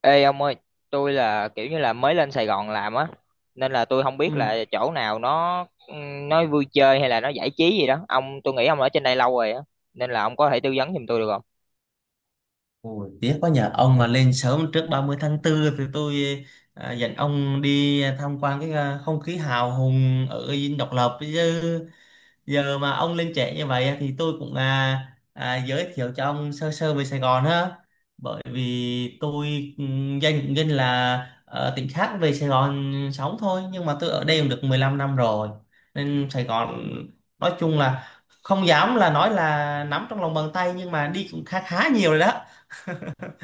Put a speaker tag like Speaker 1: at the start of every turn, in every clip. Speaker 1: Ê ông ơi, tôi là kiểu như là mới lên Sài Gòn làm á, nên là tôi không biết
Speaker 2: Ừ.
Speaker 1: là chỗ nào nó ừ, nó vui chơi hay là nó giải trí gì đó. Ông, tôi nghĩ ông ở trên đây lâu rồi á, nên là ông có thể tư vấn giùm tôi được không?
Speaker 2: Ôi, tiếc quá nhờ ông mà lên sớm trước 30/4 thì tôi dẫn ông đi tham quan cái không khí hào hùng ở Dinh Độc Lập, chứ giờ mà ông lên trễ như vậy thì tôi cũng giới thiệu cho ông sơ sơ về Sài Gòn ha. Bởi vì tôi danh là ở tỉnh khác về Sài Gòn sống thôi, nhưng mà tôi ở đây cũng được 15 năm rồi, nên Sài Gòn nói chung là không dám là nói là nắm trong lòng bàn tay, nhưng mà đi cũng khá khá nhiều rồi đó.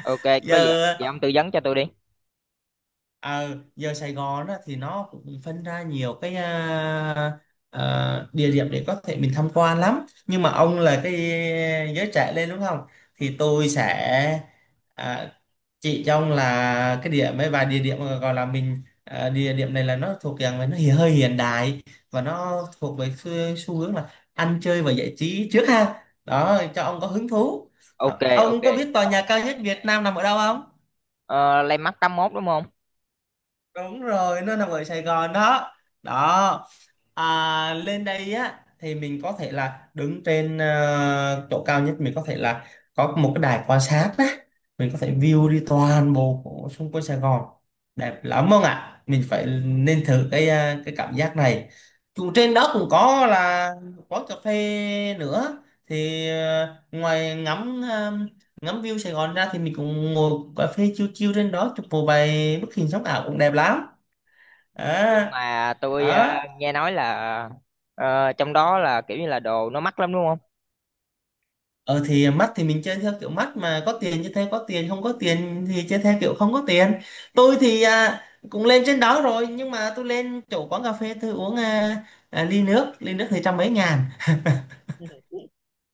Speaker 1: Ok, có gì,
Speaker 2: giờ
Speaker 1: vậy ông tư vấn cho tôi đi.
Speaker 2: à, giờ Sài Gòn á, thì nó cũng phân ra nhiều cái địa điểm để có thể mình tham quan lắm, nhưng mà ông là cái giới trẻ lên đúng không, thì tôi sẽ à, chỉ cho ông là cái điểm mấy vài địa điểm mà gọi là mình, địa điểm này là nó thuộc dạng là nó hiện hơi hiện đại, và nó thuộc về xu hướng là ăn chơi và giải trí trước ha, đó cho ông có hứng thú
Speaker 1: Ok,
Speaker 2: đó.
Speaker 1: ok.
Speaker 2: Ông có biết tòa nhà cao nhất Việt Nam nằm ở đâu không?
Speaker 1: Ờ, Landmark tám mốt đúng không?
Speaker 2: Đúng rồi, nó nằm ở Sài Gòn đó đó. Lên đây á thì mình có thể là đứng trên chỗ cao nhất, mình có thể là có một cái đài quan sát á, mình có thể view đi toàn bộ của xung quanh Sài Gòn đẹp lắm không ạ. Mình phải nên thử cái cái cảm giác này, dù trên đó cũng có là quán cà phê nữa, thì ngoài ngắm ngắm view Sài Gòn ra thì mình cũng ngồi cà phê chill chill trên đó chụp một vài bức hình sống ảo cũng đẹp lắm.
Speaker 1: Nhưng
Speaker 2: à,
Speaker 1: mà tôi
Speaker 2: Đó.
Speaker 1: nghe nói là trong đó là kiểu như là đồ nó mắc lắm đúng không?
Speaker 2: Ờ thì mắt thì mình chơi theo kiểu mắt, mà có tiền chơi theo có tiền, không có tiền thì chơi theo kiểu không có tiền. Tôi thì cũng lên trên đó rồi, nhưng mà tôi lên chỗ quán cà phê tôi uống ly nước thì trăm mấy ngàn.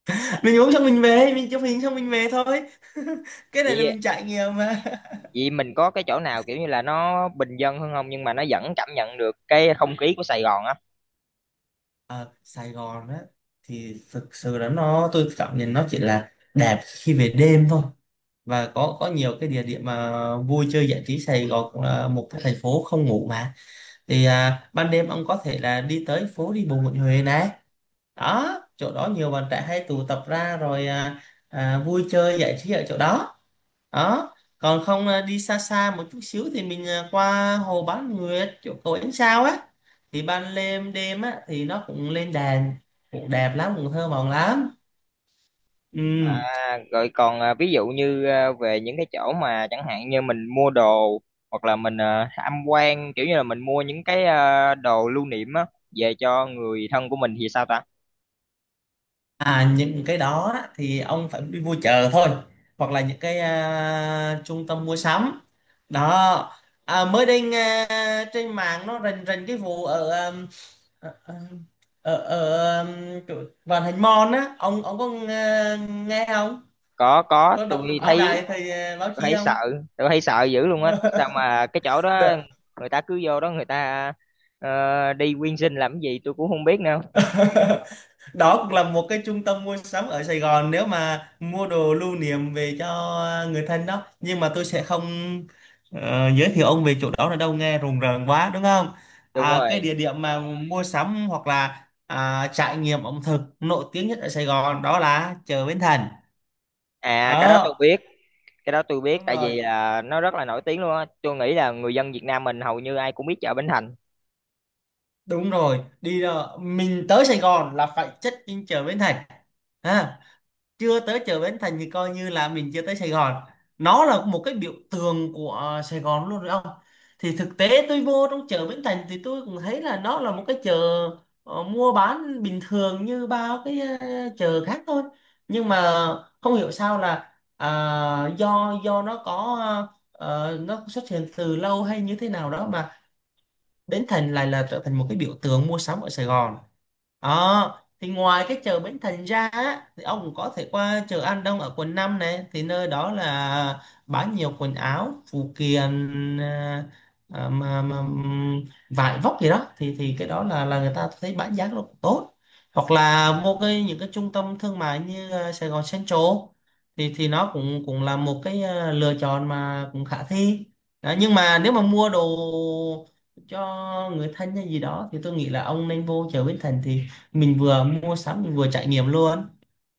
Speaker 2: Mình uống xong mình về, mình chụp hình xong mình về thôi. Cái này là
Speaker 1: Vậy
Speaker 2: mình trải nghiệm mà.
Speaker 1: vậy mình có cái chỗ nào kiểu như là nó bình dân hơn không nhưng mà nó vẫn cảm nhận được cái không khí của Sài Gòn á?
Speaker 2: Ờ, Sài Gòn á thì thực sự là nó tôi cảm nhận nó chỉ là đẹp khi về đêm thôi, và có nhiều cái địa điểm mà vui chơi giải trí. Sài Gòn cũng là một cái thành phố không ngủ mà. Thì ban đêm ông có thể là đi tới phố đi bộ Nguyễn Huệ này đó, chỗ đó nhiều bạn trẻ hay tụ tập ra rồi vui chơi giải trí ở chỗ đó đó. Còn không đi xa xa một chút xíu thì mình qua hồ Bán Nguyệt chỗ cầu ánh sao á, thì ban đêm đêm á thì nó cũng lên đèn, cũng đẹp lắm cũng thơ mộng lắm. Ừ.
Speaker 1: À, rồi còn ví dụ như về những cái chỗ mà chẳng hạn như mình mua đồ, hoặc là mình tham quan kiểu như là mình mua những cái đồ lưu niệm á về cho người thân của mình thì sao ta?
Speaker 2: À, những cái đó á, thì ông phải đi mua chợ thôi, hoặc là những cái trung tâm mua sắm đó. Mới đây nghe trên mạng nó rình rình cái vụ ở ở, ở, ở chỗ Vạn Hạnh Mall á, ông có nghe không,
Speaker 1: Có,
Speaker 2: có đọc
Speaker 1: tôi
Speaker 2: báo
Speaker 1: thấy,
Speaker 2: đài thì báo
Speaker 1: tôi
Speaker 2: chí
Speaker 1: thấy sợ
Speaker 2: không?
Speaker 1: tôi thấy sợ dữ luôn á, sao mà cái chỗ đó
Speaker 2: Được.
Speaker 1: người ta cứ vô đó, người ta đi quyên sinh làm cái gì tôi cũng không biết nữa.
Speaker 2: Đó cũng là một cái trung tâm mua sắm ở Sài Gòn, nếu mà mua đồ lưu niệm về cho người thân đó, nhưng mà tôi sẽ không giới thiệu ông về chỗ đó là đâu, nghe rùng rợn quá đúng không.
Speaker 1: Đúng
Speaker 2: Cái
Speaker 1: rồi,
Speaker 2: địa điểm mà mua sắm hoặc là trải nghiệm ẩm thực nổi tiếng nhất ở Sài Gòn đó là chợ Bến Thành.
Speaker 1: à cái đó tôi
Speaker 2: Ờ,
Speaker 1: biết, cái đó tôi biết,
Speaker 2: đúng
Speaker 1: tại
Speaker 2: rồi
Speaker 1: vì là nó rất là nổi tiếng luôn á, tôi nghĩ là người dân Việt Nam mình hầu như ai cũng biết chợ Bến Thành.
Speaker 2: đúng rồi, đi ra- mình tới Sài Gòn là phải check in chợ Bến Thành. Ha. Chưa tới chợ Bến Thành thì coi như là mình chưa tới Sài Gòn, nó là một cái biểu tượng của Sài Gòn luôn rồi ông. Thì thực tế tôi vô trong chợ Bến Thành thì tôi cũng thấy là nó là một cái chợ mua bán bình thường như bao cái chợ khác thôi, nhưng mà không hiểu sao là do nó có nó xuất hiện từ lâu hay như thế nào đó, mà Bến Thành lại là trở thành một cái biểu tượng mua sắm ở Sài Gòn. Ờ, thì ngoài cái chợ Bến Thành ra á, thì ông cũng có thể qua chợ An Đông ở quận 5 này, thì nơi đó là bán nhiều quần áo phụ kiện mà vải vóc gì đó, thì cái đó là người ta thấy bán giá nó cũng tốt, hoặc là vô cái những cái trung tâm thương mại như Sài Gòn Central thì nó cũng cũng là một cái lựa chọn mà cũng khả thi đó. Nhưng mà nếu mà mua đồ cho người thân hay gì đó, thì tôi nghĩ là ông nên vô chợ Bến Thành, thì mình vừa mua sắm mình vừa trải nghiệm luôn.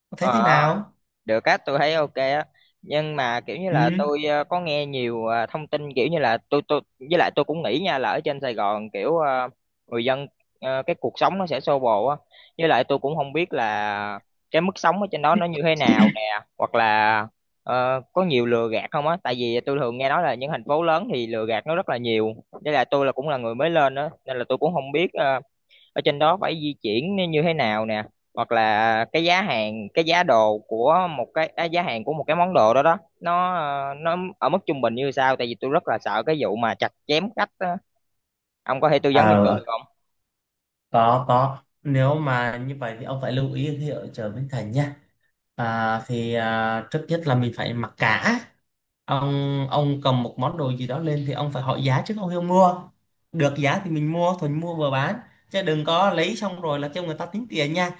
Speaker 2: Ông thấy thế
Speaker 1: Ờ,
Speaker 2: nào?
Speaker 1: được á, tôi thấy ok á, nhưng mà kiểu như
Speaker 2: Ừ.
Speaker 1: là tôi có nghe nhiều thông tin, kiểu như là tôi với lại tôi cũng nghĩ nha, là ở trên Sài Gòn kiểu người dân cái cuộc sống nó sẽ xô bồ á, với lại tôi cũng không biết là cái mức sống ở trên đó nó như thế nào nè, hoặc là có nhiều lừa gạt không á, tại vì tôi thường nghe nói là những thành phố lớn thì lừa gạt nó rất là nhiều, với lại tôi là cũng là người mới lên á, nên là tôi cũng không biết ở trên đó phải di chuyển như như thế nào nè, hoặc là cái giá hàng, cái giá đồ của một cái giá hàng của một cái món đồ đó, đó nó nó ở mức trung bình như sao, tại vì tôi rất là sợ cái vụ mà chặt chém khách á. Ông có thể tư vấn giùm tôi được
Speaker 2: à
Speaker 1: không?
Speaker 2: Có, nếu mà như vậy thì ông phải lưu ý khi ở chợ Bến Thành nha. Thì trước nhất là mình phải mặc cả. Ông cầm một món đồ gì đó lên, thì ông phải hỏi giá trước, ông hiểu mua được giá thì mình mua, thuần mua vừa bán, chứ đừng có lấy xong rồi là kêu người ta tính tiền nha.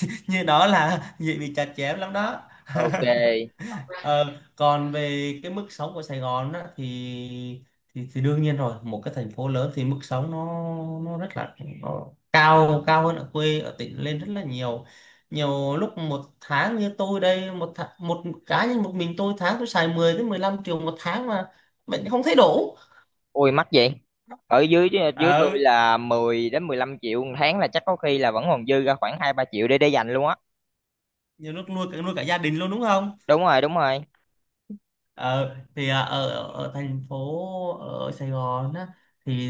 Speaker 2: Như đó là dễ bị chặt chém lắm đó.
Speaker 1: Ok.
Speaker 2: Ờ, còn về cái mức sống của Sài Gòn á, thì, thì đương nhiên rồi, một cái thành phố lớn thì mức sống nó rất là nó cao cao hơn ở quê ở tỉnh lên rất là nhiều. Nhiều lúc một tháng như tôi đây, một cá nhân một mình tôi, tháng tôi xài 10 đến 15 triệu một tháng mà mình không thấy đủ.
Speaker 1: Ui mắc vậy. Ở dưới dưới tôi
Speaker 2: Ờ,
Speaker 1: là 10 đến 15 triệu một tháng là chắc có khi là vẫn còn dư ra khoảng hai ba triệu để dành luôn á.
Speaker 2: nhiều lúc nuôi cả gia đình luôn đúng không.
Speaker 1: Đúng rồi, đúng rồi.
Speaker 2: Ờ, thì à, ở, ở ở thành phố ở Sài Gòn á, thì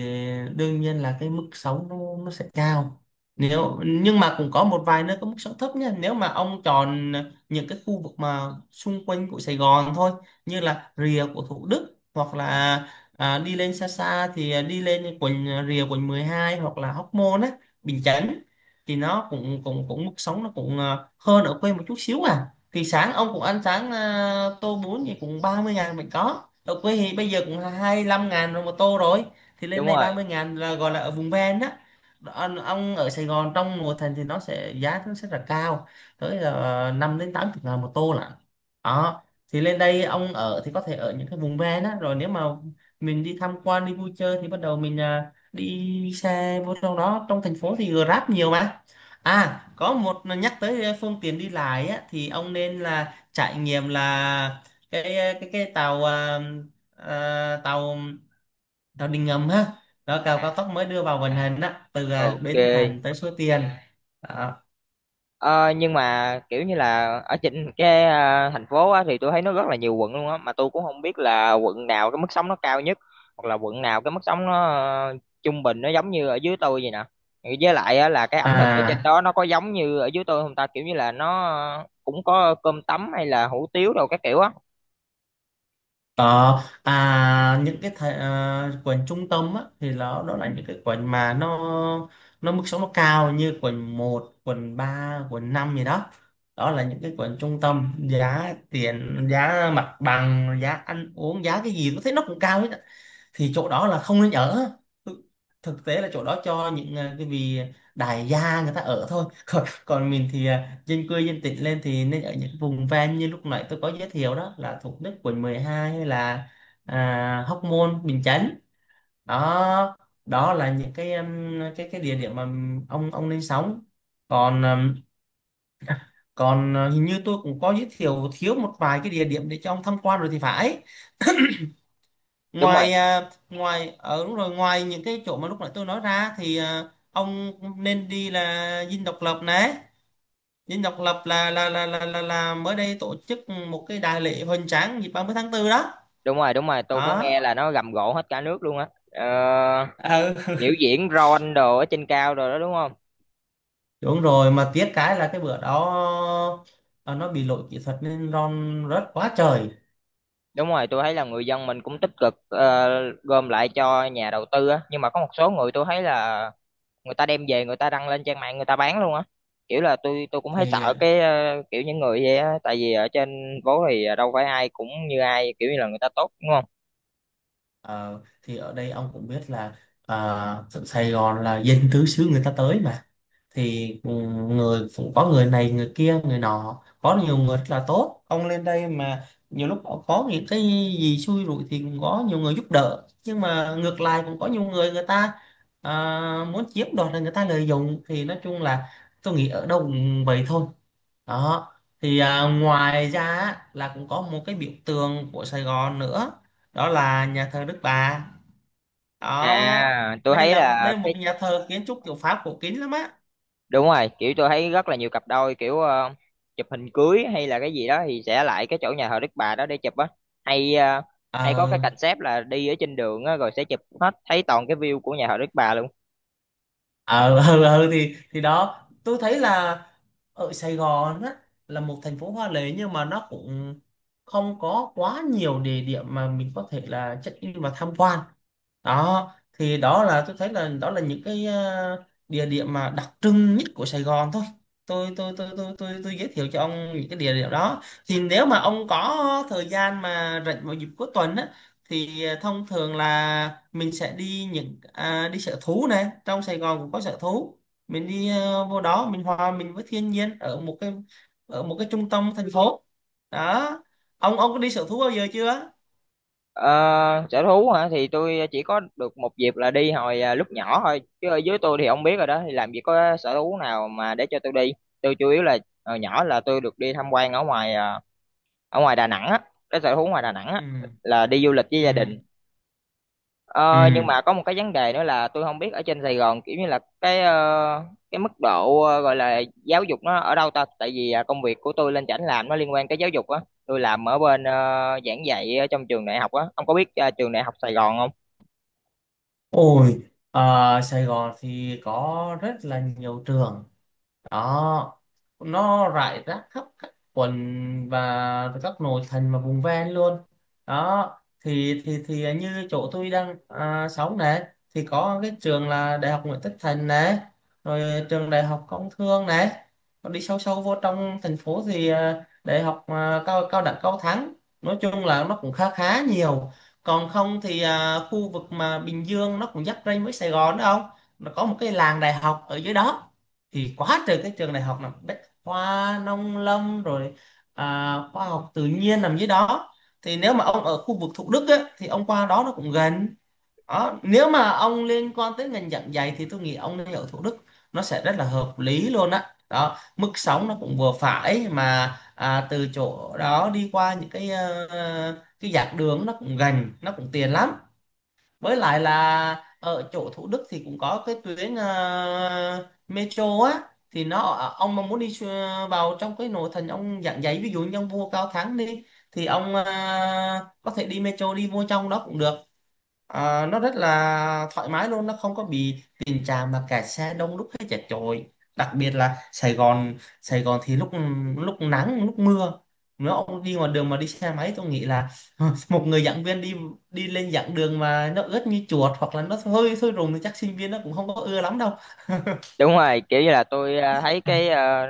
Speaker 2: đương nhiên là cái mức sống nó sẽ cao, nếu nhưng mà cũng có một vài nơi có mức sống thấp nha, nếu mà ông chọn những cái khu vực mà xung quanh của Sài Gòn thôi, như là rìa của Thủ Đức hoặc là đi lên xa xa thì đi lên quận rìa quận 12, hoặc là Hóc Môn á, Bình Chánh. Thì nó cũng cũng cũng mức sống nó cũng hơn ở quê một chút xíu à. Thì sáng ông cũng ăn sáng tô bún thì cũng 30.000, mình có ở quê thì bây giờ cũng 25 ngàn rồi một tô rồi, thì lên
Speaker 1: Đúng
Speaker 2: đây ba
Speaker 1: rồi.
Speaker 2: mươi ngàn là gọi là ở vùng ven á. Ông ở Sài Gòn trong nội thành thì nó sẽ giá nó sẽ là cao tới là 5 đến 80 ngàn một tô lận đó. Thì lên đây ông ở thì có thể ở những cái vùng ven á, rồi nếu mà mình đi tham quan đi vui chơi thì bắt đầu mình đi xe vô trong đó, trong thành phố thì Grab nhiều mà. À, có một nhắc tới phương tiện đi lại á, thì ông nên là trải nghiệm là cái cái tàu tàu tàu điện ngầm ha, đó tàu
Speaker 1: À,
Speaker 2: cao tốc mới đưa vào vận hành á, từ Bến Thành
Speaker 1: ok.
Speaker 2: tới Suối Tiên. Đó.
Speaker 1: Ờ, nhưng mà kiểu như là ở trên cái thành phố á, thì tôi thấy nó rất là nhiều quận luôn á, mà tôi cũng không biết là quận nào cái mức sống nó cao nhất, hoặc là quận nào cái mức sống nó ờ, trung bình, nó giống như ở dưới tôi vậy nè. Với lại á, là cái ẩm thực ở trên
Speaker 2: À,
Speaker 1: đó nó có giống như ở dưới tôi không ta, kiểu như là nó cũng có cơm tấm hay là hủ tiếu đâu các kiểu á.
Speaker 2: Ờ, những cái quần trung tâm á, thì nó đó là những cái quần mà nó mức sống nó cao, như quần một, quần ba, quần 5 gì đó. Đó là những cái quần trung tâm, giá tiền, giá mặt bằng, giá ăn uống, giá cái gì tôi thấy nó cũng cao hết á. Thì chỗ đó là không nên ở. Thực Thực tế là chỗ đó cho những cái vì đại gia người ta ở thôi. Còn còn mình thì dân quê dân tỉnh lên thì nên ở những vùng ven, như lúc nãy tôi có giới thiệu đó là Thủ Đức, quận 12, hay là Hóc Môn, Bình Chánh đó. Đó là những cái cái địa điểm mà ông nên sống. Còn còn hình như tôi cũng có giới thiệu thiếu một vài cái địa điểm để cho ông tham quan rồi thì phải.
Speaker 1: Đúng rồi,
Speaker 2: Ngoài ngoài ở đúng rồi, ngoài những cái chỗ mà lúc nãy tôi nói ra thì ông nên đi là Dinh Độc Lập này. Dinh Độc Lập là mới đây tổ chức một cái đại lễ hoành tráng dịp 30 tháng 4 đó.
Speaker 1: đúng rồi. Đúng rồi, tôi có
Speaker 2: Đó.
Speaker 1: nghe là nó rầm rộ hết cả nước luôn á. Ờ,
Speaker 2: Ừ.
Speaker 1: biểu diễn ron đồ ở trên cao rồi đó đúng không?
Speaker 2: Đúng rồi, mà tiếc cái là cái bữa đó ờ, nó bị lỗi kỹ thuật nên ron rớt quá trời.
Speaker 1: Đúng rồi, tôi thấy là người dân mình cũng tích cực gom lại cho nhà đầu tư á, nhưng mà có một số người tôi thấy là người ta đem về, người ta đăng lên trang mạng người ta bán luôn á. Kiểu là tôi cũng thấy
Speaker 2: Thì
Speaker 1: sợ cái kiểu những người vậy á, tại vì ở trên phố thì đâu phải ai cũng như ai, kiểu như là người ta tốt đúng không?
Speaker 2: ờ, thì ở đây ông cũng biết là Sài Gòn là dân tứ xứ người ta tới mà, thì ừ, người cũng có người này người kia người nọ, có nhiều người rất là tốt. Ông lên đây mà nhiều lúc có những cái gì xui rủi thì cũng có nhiều người giúp đỡ, nhưng mà ngược lại cũng có nhiều người người ta à, muốn chiếm đoạt, là người ta lợi dụng. Thì nói chung là tôi nghĩ ở đâu cũng vậy thôi đó. Ngoài ra á, là cũng có một cái biểu tượng của Sài Gòn nữa, đó là nhà thờ Đức Bà đó.
Speaker 1: À, tôi
Speaker 2: đây
Speaker 1: thấy
Speaker 2: là
Speaker 1: là
Speaker 2: đây là một
Speaker 1: cái
Speaker 2: nhà thờ kiến trúc kiểu Pháp cổ kính lắm á.
Speaker 1: đúng rồi, kiểu tôi thấy rất là nhiều cặp đôi kiểu chụp hình cưới hay là cái gì đó thì sẽ lại cái chỗ nhà thờ Đức Bà đó để chụp á, hay hay có cái
Speaker 2: Ờ,
Speaker 1: concept là đi ở trên đường á rồi sẽ chụp hết thấy toàn cái view của nhà thờ Đức Bà luôn.
Speaker 2: ờ ừ, thì đó tôi thấy là ở Sài Gòn á, là một thành phố hoa lệ nhưng mà nó cũng không có quá nhiều địa điểm mà mình có thể là check in và tham quan. Đó, thì đó là tôi thấy là đó là những cái địa điểm mà đặc trưng nhất của Sài Gòn thôi. Tôi giới thiệu cho ông những cái địa điểm đó, thì nếu mà ông có thời gian mà rảnh vào dịp cuối tuần á, thông thường là mình sẽ đi đi sở thú này. Trong Sài Gòn cũng có sở thú, mình đi vô đó mình hòa mình với thiên nhiên ở một cái trung tâm thành phố đó. Ông có đi sở thú bao giờ chưa?
Speaker 1: Ờ, sở thú hả, thì tôi chỉ có được một dịp là đi hồi lúc nhỏ thôi, chứ ở dưới tôi thì không biết rồi đó, thì làm gì có sở thú nào mà để cho tôi đi. Tôi chủ yếu là hồi nhỏ là tôi được đi tham quan ở ngoài ở ngoài Đà Nẵng á, cái sở thú ngoài Đà Nẵng á,
Speaker 2: Ừ,
Speaker 1: là đi du lịch với
Speaker 2: ừ,
Speaker 1: gia đình.
Speaker 2: ừ.
Speaker 1: Ờ, nhưng mà có một cái vấn đề nữa là tôi không biết ở trên Sài Gòn kiểu như là cái cái mức độ gọi là giáo dục nó ở đâu ta, tại vì công việc của tôi lên chảnh làm nó liên quan tới giáo dục á. Tôi làm ở bên giảng dạy ở trong trường đại học á, ông có biết trường đại học Sài Gòn không?
Speaker 2: Ôi, Sài Gòn thì có rất là nhiều trường đó, nó rải rác khắp các quận và các nội thành và vùng ven luôn đó. Thì như chỗ tôi đang sống này thì có cái trường là đại học Nguyễn Tất Thành này, rồi trường đại học Công Thương này. Còn đi sâu sâu vô trong thành phố thì cao cao đẳng Cao Thắng. Nói chung là nó cũng khá khá nhiều. Còn không thì khu vực mà Bình Dương nó cũng giáp ranh với Sài Gòn đó không, nó có một cái làng đại học ở dưới đó, thì quá trời các trường đại học là bách khoa, nông lâm, rồi khoa học tự nhiên nằm dưới đó. Thì nếu mà ông ở khu vực Thủ Đức á, thì ông qua đó nó cũng gần đó. Nếu mà ông liên quan tới ngành giảng dạy thì tôi nghĩ ông nên ở Thủ Đức, nó sẽ rất là hợp lý luôn á. Đó, mức sống nó cũng vừa phải, mà từ chỗ đó đi qua những cái cái giảng đường nó cũng gần, nó cũng tiền lắm. Với lại là ở chỗ Thủ Đức thì cũng có cái tuyến metro á, thì nó, ông mà muốn đi vào trong cái nội thành ông giảng giấy, ví dụ như ông vua Cao Thắng đi, thì ông có thể đi metro đi vô trong đó cũng được. Ờ, nó rất là thoải mái luôn, nó không có bị tình trạng mà kẹt xe đông đúc hay chật chội. Đặc biệt là Sài Gòn thì lúc lúc nắng lúc mưa, nếu ông đi ngoài đường mà đi xe máy tôi nghĩ là một người giảng viên đi đi lên giảng đường mà nó ướt như chuột hoặc là nó hơi sôi rùng thì chắc sinh viên nó cũng không có ưa lắm đâu.
Speaker 1: Đúng rồi, kiểu như là tôi thấy cái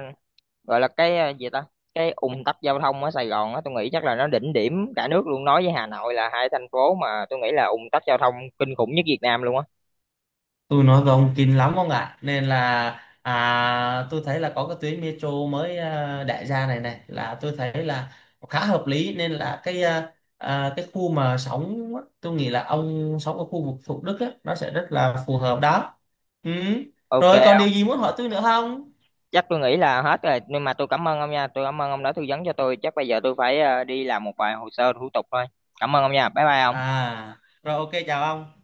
Speaker 1: gọi là cái gì ta, cái ùn tắc giao thông ở Sài Gòn á, tôi nghĩ chắc là nó đỉnh điểm cả nước luôn, nói với Hà Nội là hai thành phố mà tôi nghĩ là ùn tắc giao thông kinh khủng nhất Việt Nam luôn á.
Speaker 2: Tôi nói với ông kinh lắm ông ạ, nên là tôi thấy là có cái tuyến metro mới, đại gia này này, là tôi thấy là khá hợp lý. Nên là cái khu mà sống á, tôi nghĩ là ông sống ở khu vực Thủ Đức á, nó sẽ rất là phù hợp đó. Ừ. Rồi, còn
Speaker 1: Ok,
Speaker 2: điều gì muốn hỏi tôi nữa không?
Speaker 1: chắc tôi nghĩ là hết rồi, nhưng mà tôi cảm ơn ông nha, tôi cảm ơn ông đã tư vấn cho tôi, chắc bây giờ tôi phải đi làm một vài hồ sơ thủ tục thôi. Cảm ơn ông nha, bye bye ông.
Speaker 2: À, rồi, ok, chào ông.